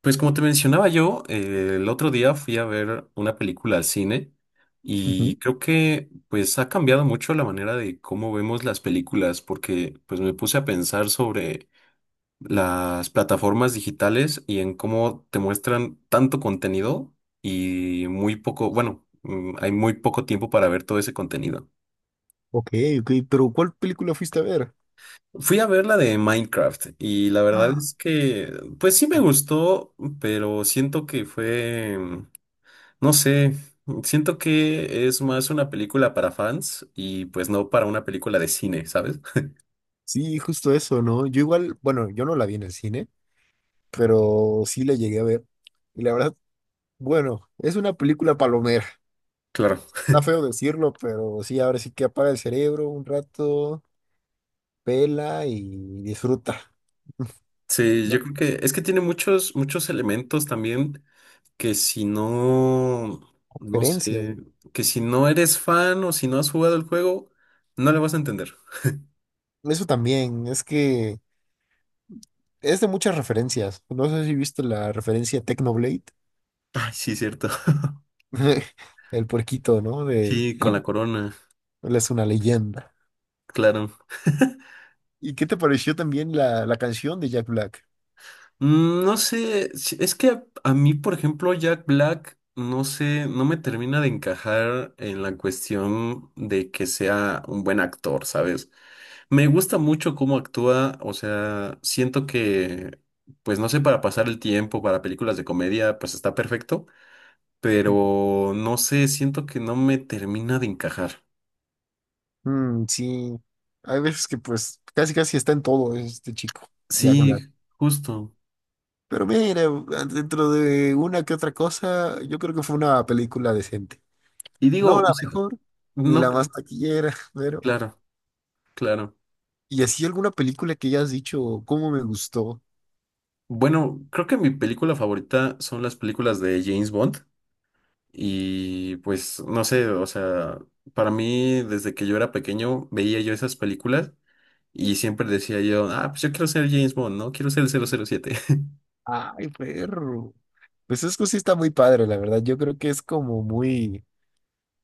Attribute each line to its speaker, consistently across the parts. Speaker 1: Pues como te mencionaba yo, el otro día fui a ver una película al cine y
Speaker 2: Ujú.
Speaker 1: creo que pues ha cambiado mucho la manera de cómo vemos las películas porque pues me puse a pensar sobre las plataformas digitales y en cómo te muestran tanto contenido y muy poco, bueno, hay muy poco tiempo para ver todo ese contenido.
Speaker 2: Ok, ok, pero ¿cuál película fuiste a ver?
Speaker 1: Fui a ver la de Minecraft y la verdad
Speaker 2: Ah.
Speaker 1: es que pues sí me gustó, pero siento que fue... No sé, siento que es más una película para fans y pues no para una película de cine, ¿sabes?
Speaker 2: Sí, justo eso, ¿no? Yo igual, bueno, yo no la vi en el cine, pero sí la llegué a ver. Y la verdad, bueno, es una película palomera.
Speaker 1: Claro.
Speaker 2: Está feo decirlo, pero sí, ahora sí que apaga el cerebro un rato, pela y disfruta,
Speaker 1: Sí, yo
Speaker 2: ¿no?
Speaker 1: creo que es que tiene muchos, muchos elementos también que si no, no
Speaker 2: Referencias,
Speaker 1: sé,
Speaker 2: ¿no?
Speaker 1: que si no eres fan o si no has jugado el juego, no le vas a entender.
Speaker 2: Eso también, es que es de muchas referencias. No sé si viste la referencia Technoblade,
Speaker 1: Ay, sí, cierto.
Speaker 2: el puerquito, ¿no? De
Speaker 1: Sí, con la corona,
Speaker 2: él es una leyenda.
Speaker 1: claro.
Speaker 2: ¿Y qué te pareció también la canción de Jack Black?
Speaker 1: No sé, es que a mí, por ejemplo, Jack Black, no sé, no me termina de encajar en la cuestión de que sea un buen actor, ¿sabes? Me gusta mucho cómo actúa, o sea, siento que, pues no sé, para pasar el tiempo, para películas de comedia, pues está perfecto, pero no sé, siento que no me termina de encajar.
Speaker 2: Sí, hay veces que pues casi casi está en todo este chico, Jack Black.
Speaker 1: Sí, justo.
Speaker 2: Pero mira, dentro de una que otra cosa, yo creo que fue una película decente.
Speaker 1: Y
Speaker 2: No
Speaker 1: digo,
Speaker 2: la
Speaker 1: o sea,
Speaker 2: mejor, ni
Speaker 1: no,
Speaker 2: la más taquillera, pero...
Speaker 1: claro, claro.
Speaker 2: ¿Y así alguna película que ya has dicho, cómo me gustó?
Speaker 1: Bueno, creo que mi película favorita son las películas de James Bond y pues no sé, o sea, para mí desde que yo era pequeño veía yo esas películas y siempre decía yo, ah, pues yo quiero ser James Bond, ¿no? Quiero ser el cero cero siete.
Speaker 2: Ay, perro. Pues es que sí está muy padre, la verdad. Yo creo que es como muy,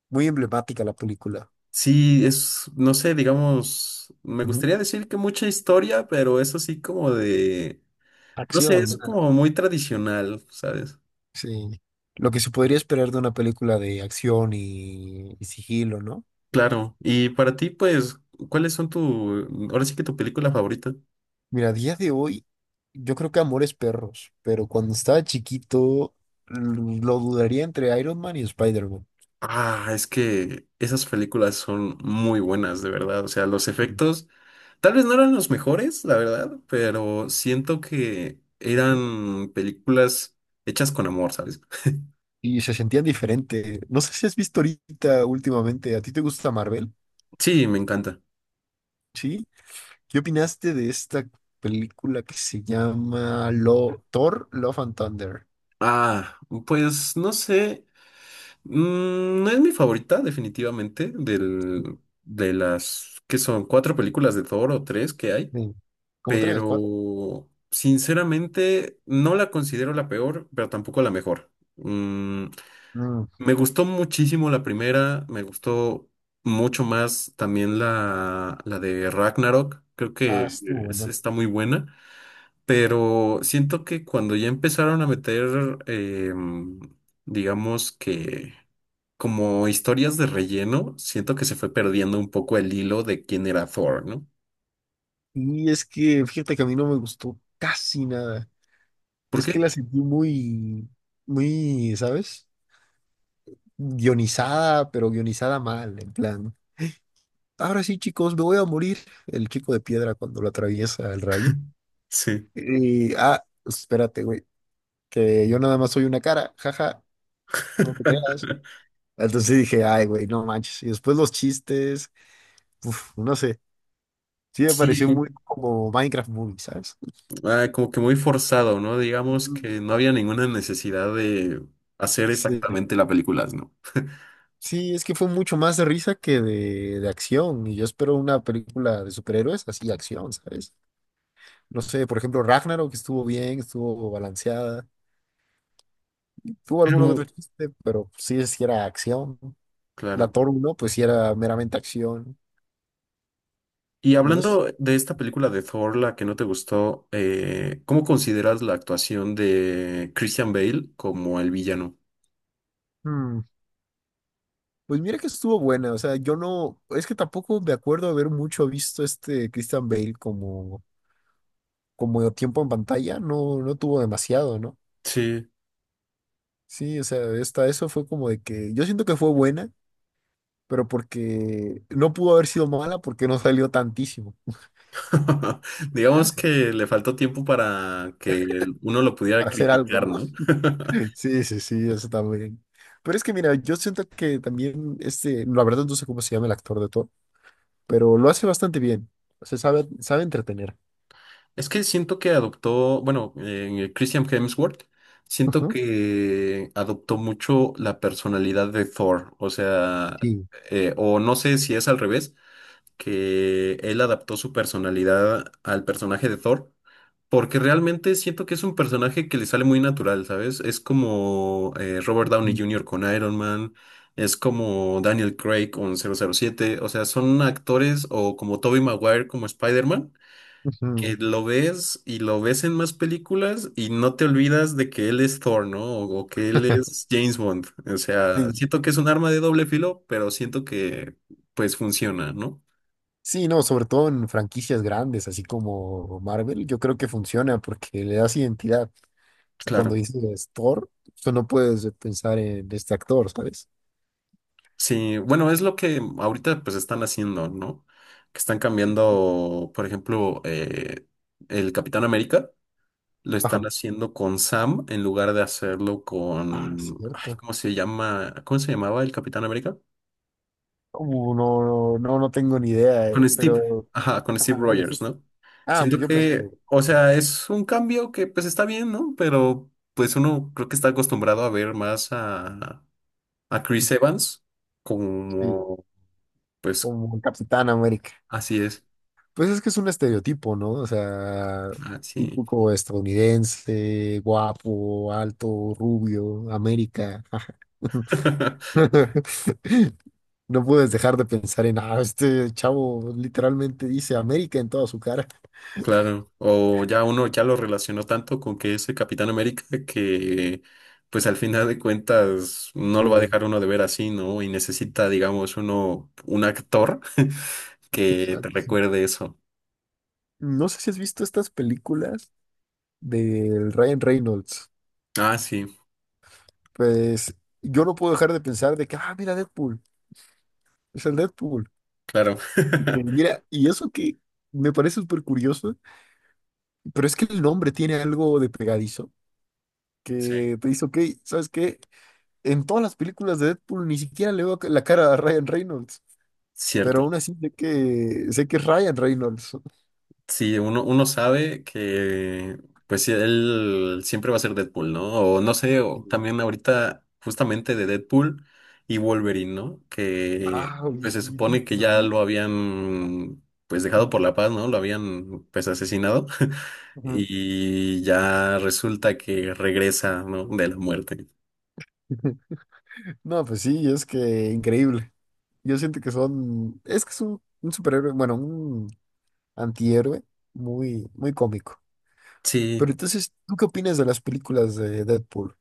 Speaker 2: muy emblemática la película.
Speaker 1: Sí, es, no sé, digamos, me
Speaker 2: Ujú.
Speaker 1: gustaría decir que mucha historia, pero eso sí como de, no sé, es
Speaker 2: Acción.
Speaker 1: como muy tradicional, ¿sabes?
Speaker 2: Sí. Lo que se podría esperar de una película de acción y sigilo, ¿no?
Speaker 1: Claro, y para ti pues, ¿cuáles son tu, ahora sí que tu película favorita?
Speaker 2: Mira, a día de hoy, yo creo que Amores Perros, pero cuando estaba chiquito lo dudaría entre Iron Man y Spider-Man.
Speaker 1: Ah, es que esas películas son muy buenas, de verdad. O sea, los
Speaker 2: Ujú.
Speaker 1: efectos tal vez no eran los mejores, la verdad, pero siento que eran películas hechas con amor, ¿sabes?
Speaker 2: Y se sentían diferente. No sé si has visto ahorita últimamente, ¿a ti te gusta Marvel?
Speaker 1: Sí, me encanta.
Speaker 2: ¿Sí? ¿Qué opinaste de esta película que se llama Lo Thor, Love and Thunder?
Speaker 1: Ah, pues no sé. No es mi favorita, definitivamente, del, de las que son cuatro películas de Thor o tres que hay,
Speaker 2: Sí. Como tres, cuatro.
Speaker 1: pero sinceramente no la considero la peor, pero tampoco la mejor. Mm,
Speaker 2: Mm.
Speaker 1: Me gustó muchísimo la primera, me gustó mucho más también la de Ragnarok, creo
Speaker 2: Ah,
Speaker 1: que
Speaker 2: estuvo bueno.
Speaker 1: está muy buena, pero siento que cuando ya empezaron a meter, digamos que como historias de relleno, siento que se fue perdiendo un poco el hilo de quién era Thor, ¿no?
Speaker 2: Y es que, fíjate que a mí no me gustó casi nada.
Speaker 1: ¿Por
Speaker 2: Es que
Speaker 1: qué?
Speaker 2: la sentí muy, muy, ¿sabes? Guionizada, pero guionizada mal, en plan. Ahora sí, chicos, me voy a morir. El chico de piedra cuando lo atraviesa el rayo.
Speaker 1: Sí.
Speaker 2: Y, ah, pues, espérate, güey, que yo nada más soy una cara, jaja, no te creas. Entonces sí dije, ay, güey, no manches. Y después los chistes, uf, no sé. Sí me
Speaker 1: Sí,
Speaker 2: pareció muy como Minecraft Movie, ¿sabes?
Speaker 1: ah, como que muy forzado, ¿no? Digamos
Speaker 2: Ujú.
Speaker 1: que no había ninguna necesidad de hacer
Speaker 2: Sí.
Speaker 1: exactamente la película, ¿no?
Speaker 2: Sí, es que fue mucho más de risa que de acción. Y yo espero una película de superhéroes así, acción, ¿sabes? No sé, por ejemplo, Ragnarok estuvo bien, estuvo balanceada. Tuvo alguno que otro
Speaker 1: Pero
Speaker 2: chiste, pero sí, sí era acción. La
Speaker 1: claro.
Speaker 2: Thor uno pues sí era meramente acción.
Speaker 1: Y
Speaker 2: Y no s-
Speaker 1: hablando de esta película de Thor, la que no te gustó, ¿cómo consideras la actuación de Christian Bale como el villano?
Speaker 2: hmm, Pues mira que estuvo buena. O sea, yo no. Es que tampoco me acuerdo haber mucho visto este Christian Bale como, como tiempo en pantalla. No, no tuvo demasiado, ¿no?
Speaker 1: Sí.
Speaker 2: Sí, o sea, esta, eso fue como de que yo siento que fue buena, pero porque no pudo haber sido mala porque no salió tantísimo
Speaker 1: Digamos que le faltó tiempo para que uno lo pudiera
Speaker 2: para hacer algo,
Speaker 1: criticar,
Speaker 2: ¿no?
Speaker 1: ¿no?
Speaker 2: Sí, sí, sí, eso también. Pero es que mira, yo siento que también este, la verdad no sé cómo se llama el actor de Thor, pero lo hace bastante bien. Se sabe, sabe entretener.
Speaker 1: Es que siento que adoptó, bueno, Christian Hemsworth, siento
Speaker 2: Ujú,
Speaker 1: que adoptó mucho la personalidad de Thor, o sea,
Speaker 2: sí.
Speaker 1: o no sé si es al revés que él adaptó su personalidad al personaje de Thor, porque realmente siento que es un personaje que le sale muy natural, ¿sabes? Es como Robert Downey
Speaker 2: Ujú.
Speaker 1: Jr. con Iron Man, es como Daniel Craig con 007, o sea, son actores o como Tobey Maguire como Spider-Man, que
Speaker 2: Ujú.
Speaker 1: lo ves y lo ves en más películas y no te olvidas de que él es Thor, ¿no? O que él es James Bond, o sea,
Speaker 2: Sí,
Speaker 1: siento que es un arma de doble filo, pero siento que pues funciona, ¿no?
Speaker 2: sí, no, sobre todo en franquicias grandes, así como Marvel, yo creo que funciona porque le das identidad. O sea, cuando
Speaker 1: Claro.
Speaker 2: dices Thor, tú no puedes pensar en este actor, ¿sabes?
Speaker 1: Sí, bueno, es lo que ahorita pues están haciendo, ¿no? Que están cambiando, por ejemplo, el Capitán América, lo están
Speaker 2: Ajá.
Speaker 1: haciendo con Sam en lugar de hacerlo
Speaker 2: Ah,
Speaker 1: con, ay,
Speaker 2: cierto.
Speaker 1: ¿cómo se llama? ¿Cómo se llamaba el Capitán América?
Speaker 2: No, no, no, no tengo ni idea,
Speaker 1: Con Steve,
Speaker 2: pero...
Speaker 1: ajá, con Steve
Speaker 2: Ajá, bueno, sí.
Speaker 1: Rogers, ¿no?
Speaker 2: Ah, pues
Speaker 1: Siento
Speaker 2: yo pensé
Speaker 1: que,
Speaker 2: que...
Speaker 1: o sea, es un cambio que pues está bien, ¿no? Pero pues uno creo que está acostumbrado a ver más a Chris Evans
Speaker 2: Sí,
Speaker 1: como, pues
Speaker 2: como Capitán América.
Speaker 1: así es,
Speaker 2: Pues es que es un estereotipo, ¿no? O sea,
Speaker 1: así.
Speaker 2: típico estadounidense, guapo, alto, rubio, América. Jaja. No puedes dejar de pensar en, ah, este chavo literalmente dice América en toda su cara.
Speaker 1: Claro, o ya uno ya lo relacionó tanto con que es el Capitán América que pues al final de cuentas no
Speaker 2: Sí,
Speaker 1: lo va a dejar uno de ver así, ¿no? Y necesita, digamos, uno, un actor que te
Speaker 2: exacto, sí.
Speaker 1: recuerde eso.
Speaker 2: No sé si has visto estas películas del Ryan Reynolds.
Speaker 1: Ah, sí,
Speaker 2: Pues yo no puedo dejar de pensar de que, ah, mira Deadpool, es el Deadpool.
Speaker 1: claro.
Speaker 2: Y que mira, y eso que me parece súper curioso, pero es que el nombre tiene algo de pegadizo,
Speaker 1: Sí.
Speaker 2: que te dice, ok, ¿sabes qué? En todas las películas de Deadpool ni siquiera le veo la cara a Ryan Reynolds,
Speaker 1: Cierto.
Speaker 2: pero aún así sé que es Ryan Reynolds.
Speaker 1: Sí, uno sabe que, pues sí, él siempre va a ser Deadpool, ¿no? O no sé, o también ahorita justamente de Deadpool y Wolverine, ¿no? Que
Speaker 2: Ah, oye,
Speaker 1: pues se
Speaker 2: sí, tú
Speaker 1: supone
Speaker 2: viste
Speaker 1: que
Speaker 2: esa
Speaker 1: ya lo
Speaker 2: película.
Speaker 1: habían, pues dejado por la paz, ¿no? Lo habían, pues asesinado
Speaker 2: Ujú.
Speaker 1: y ya resulta que regresa, ¿no? De la muerte.
Speaker 2: No, pues sí, es que increíble. Yo siento que son, es que es un superhéroe, bueno, antihéroe, muy, muy cómico. Pero
Speaker 1: Sí,
Speaker 2: entonces, ¿tú qué opinas de las películas de Deadpool?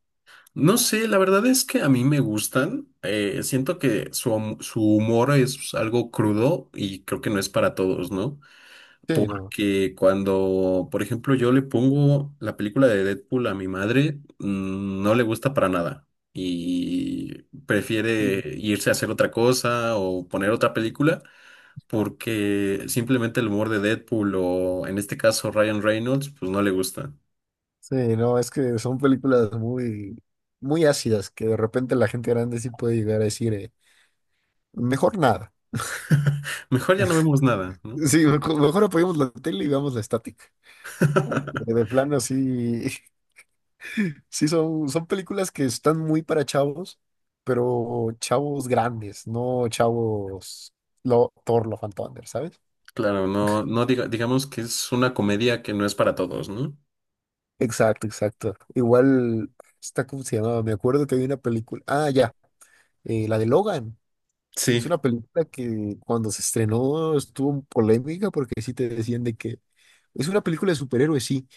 Speaker 1: no sé, la verdad es que a mí me gustan. Siento que su, su humor es algo crudo y creo que no es para todos, ¿no?
Speaker 2: Sí, no.
Speaker 1: Porque cuando, por ejemplo, yo le pongo la película de Deadpool a mi madre, no le gusta para nada y prefiere
Speaker 2: Sí,
Speaker 1: irse a hacer otra cosa o poner otra película porque simplemente el humor de Deadpool o en este caso Ryan Reynolds, pues no le gusta.
Speaker 2: sí, no, es que son películas muy, muy ácidas que de repente la gente grande sí puede llegar a decir, mejor nada.
Speaker 1: Mejor ya no vemos nada, ¿no?
Speaker 2: Sí, mejor, mejor apoyemos la tele y veamos la estática. Porque de plano sí, sí son, son películas que están muy para chavos, pero chavos grandes, no chavos lo, Thor, Love and Thunder, ¿sabes?
Speaker 1: Claro, no, digamos que es una comedia que no es para todos, ¿no?
Speaker 2: Exacto, exacto. Igual, está como se llamaba, me acuerdo que había una película, ah, ya, la de Logan. Es
Speaker 1: Sí,
Speaker 2: una película que cuando se estrenó estuvo en polémica porque sí te decían de que es una película de superhéroes, sí,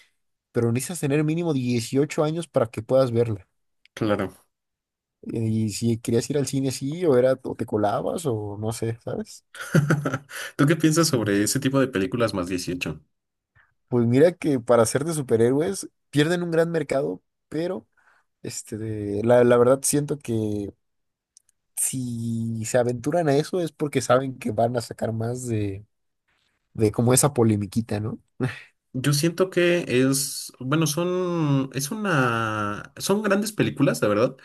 Speaker 2: pero necesitas tener mínimo 18 años para que puedas verla.
Speaker 1: claro.
Speaker 2: Y si querías ir al cine así, o era, o te colabas, o no sé, ¿sabes?
Speaker 1: ¿Tú qué piensas
Speaker 2: Sí.
Speaker 1: sobre ese tipo de películas más 18?
Speaker 2: Pues mira que para ser de superhéroes pierden un gran mercado, pero este, la verdad siento que si se aventuran a eso es porque saben que van a sacar más de como esa polemiquita, ¿no?
Speaker 1: Yo siento que es, bueno, son, es una, son grandes películas, la verdad,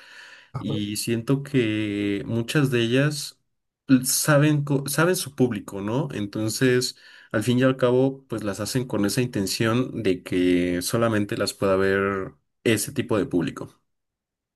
Speaker 1: y siento que muchas de ellas saben, saben su público, ¿no? Entonces, al fin y al cabo, pues las hacen con esa intención de que solamente las pueda ver ese tipo de público.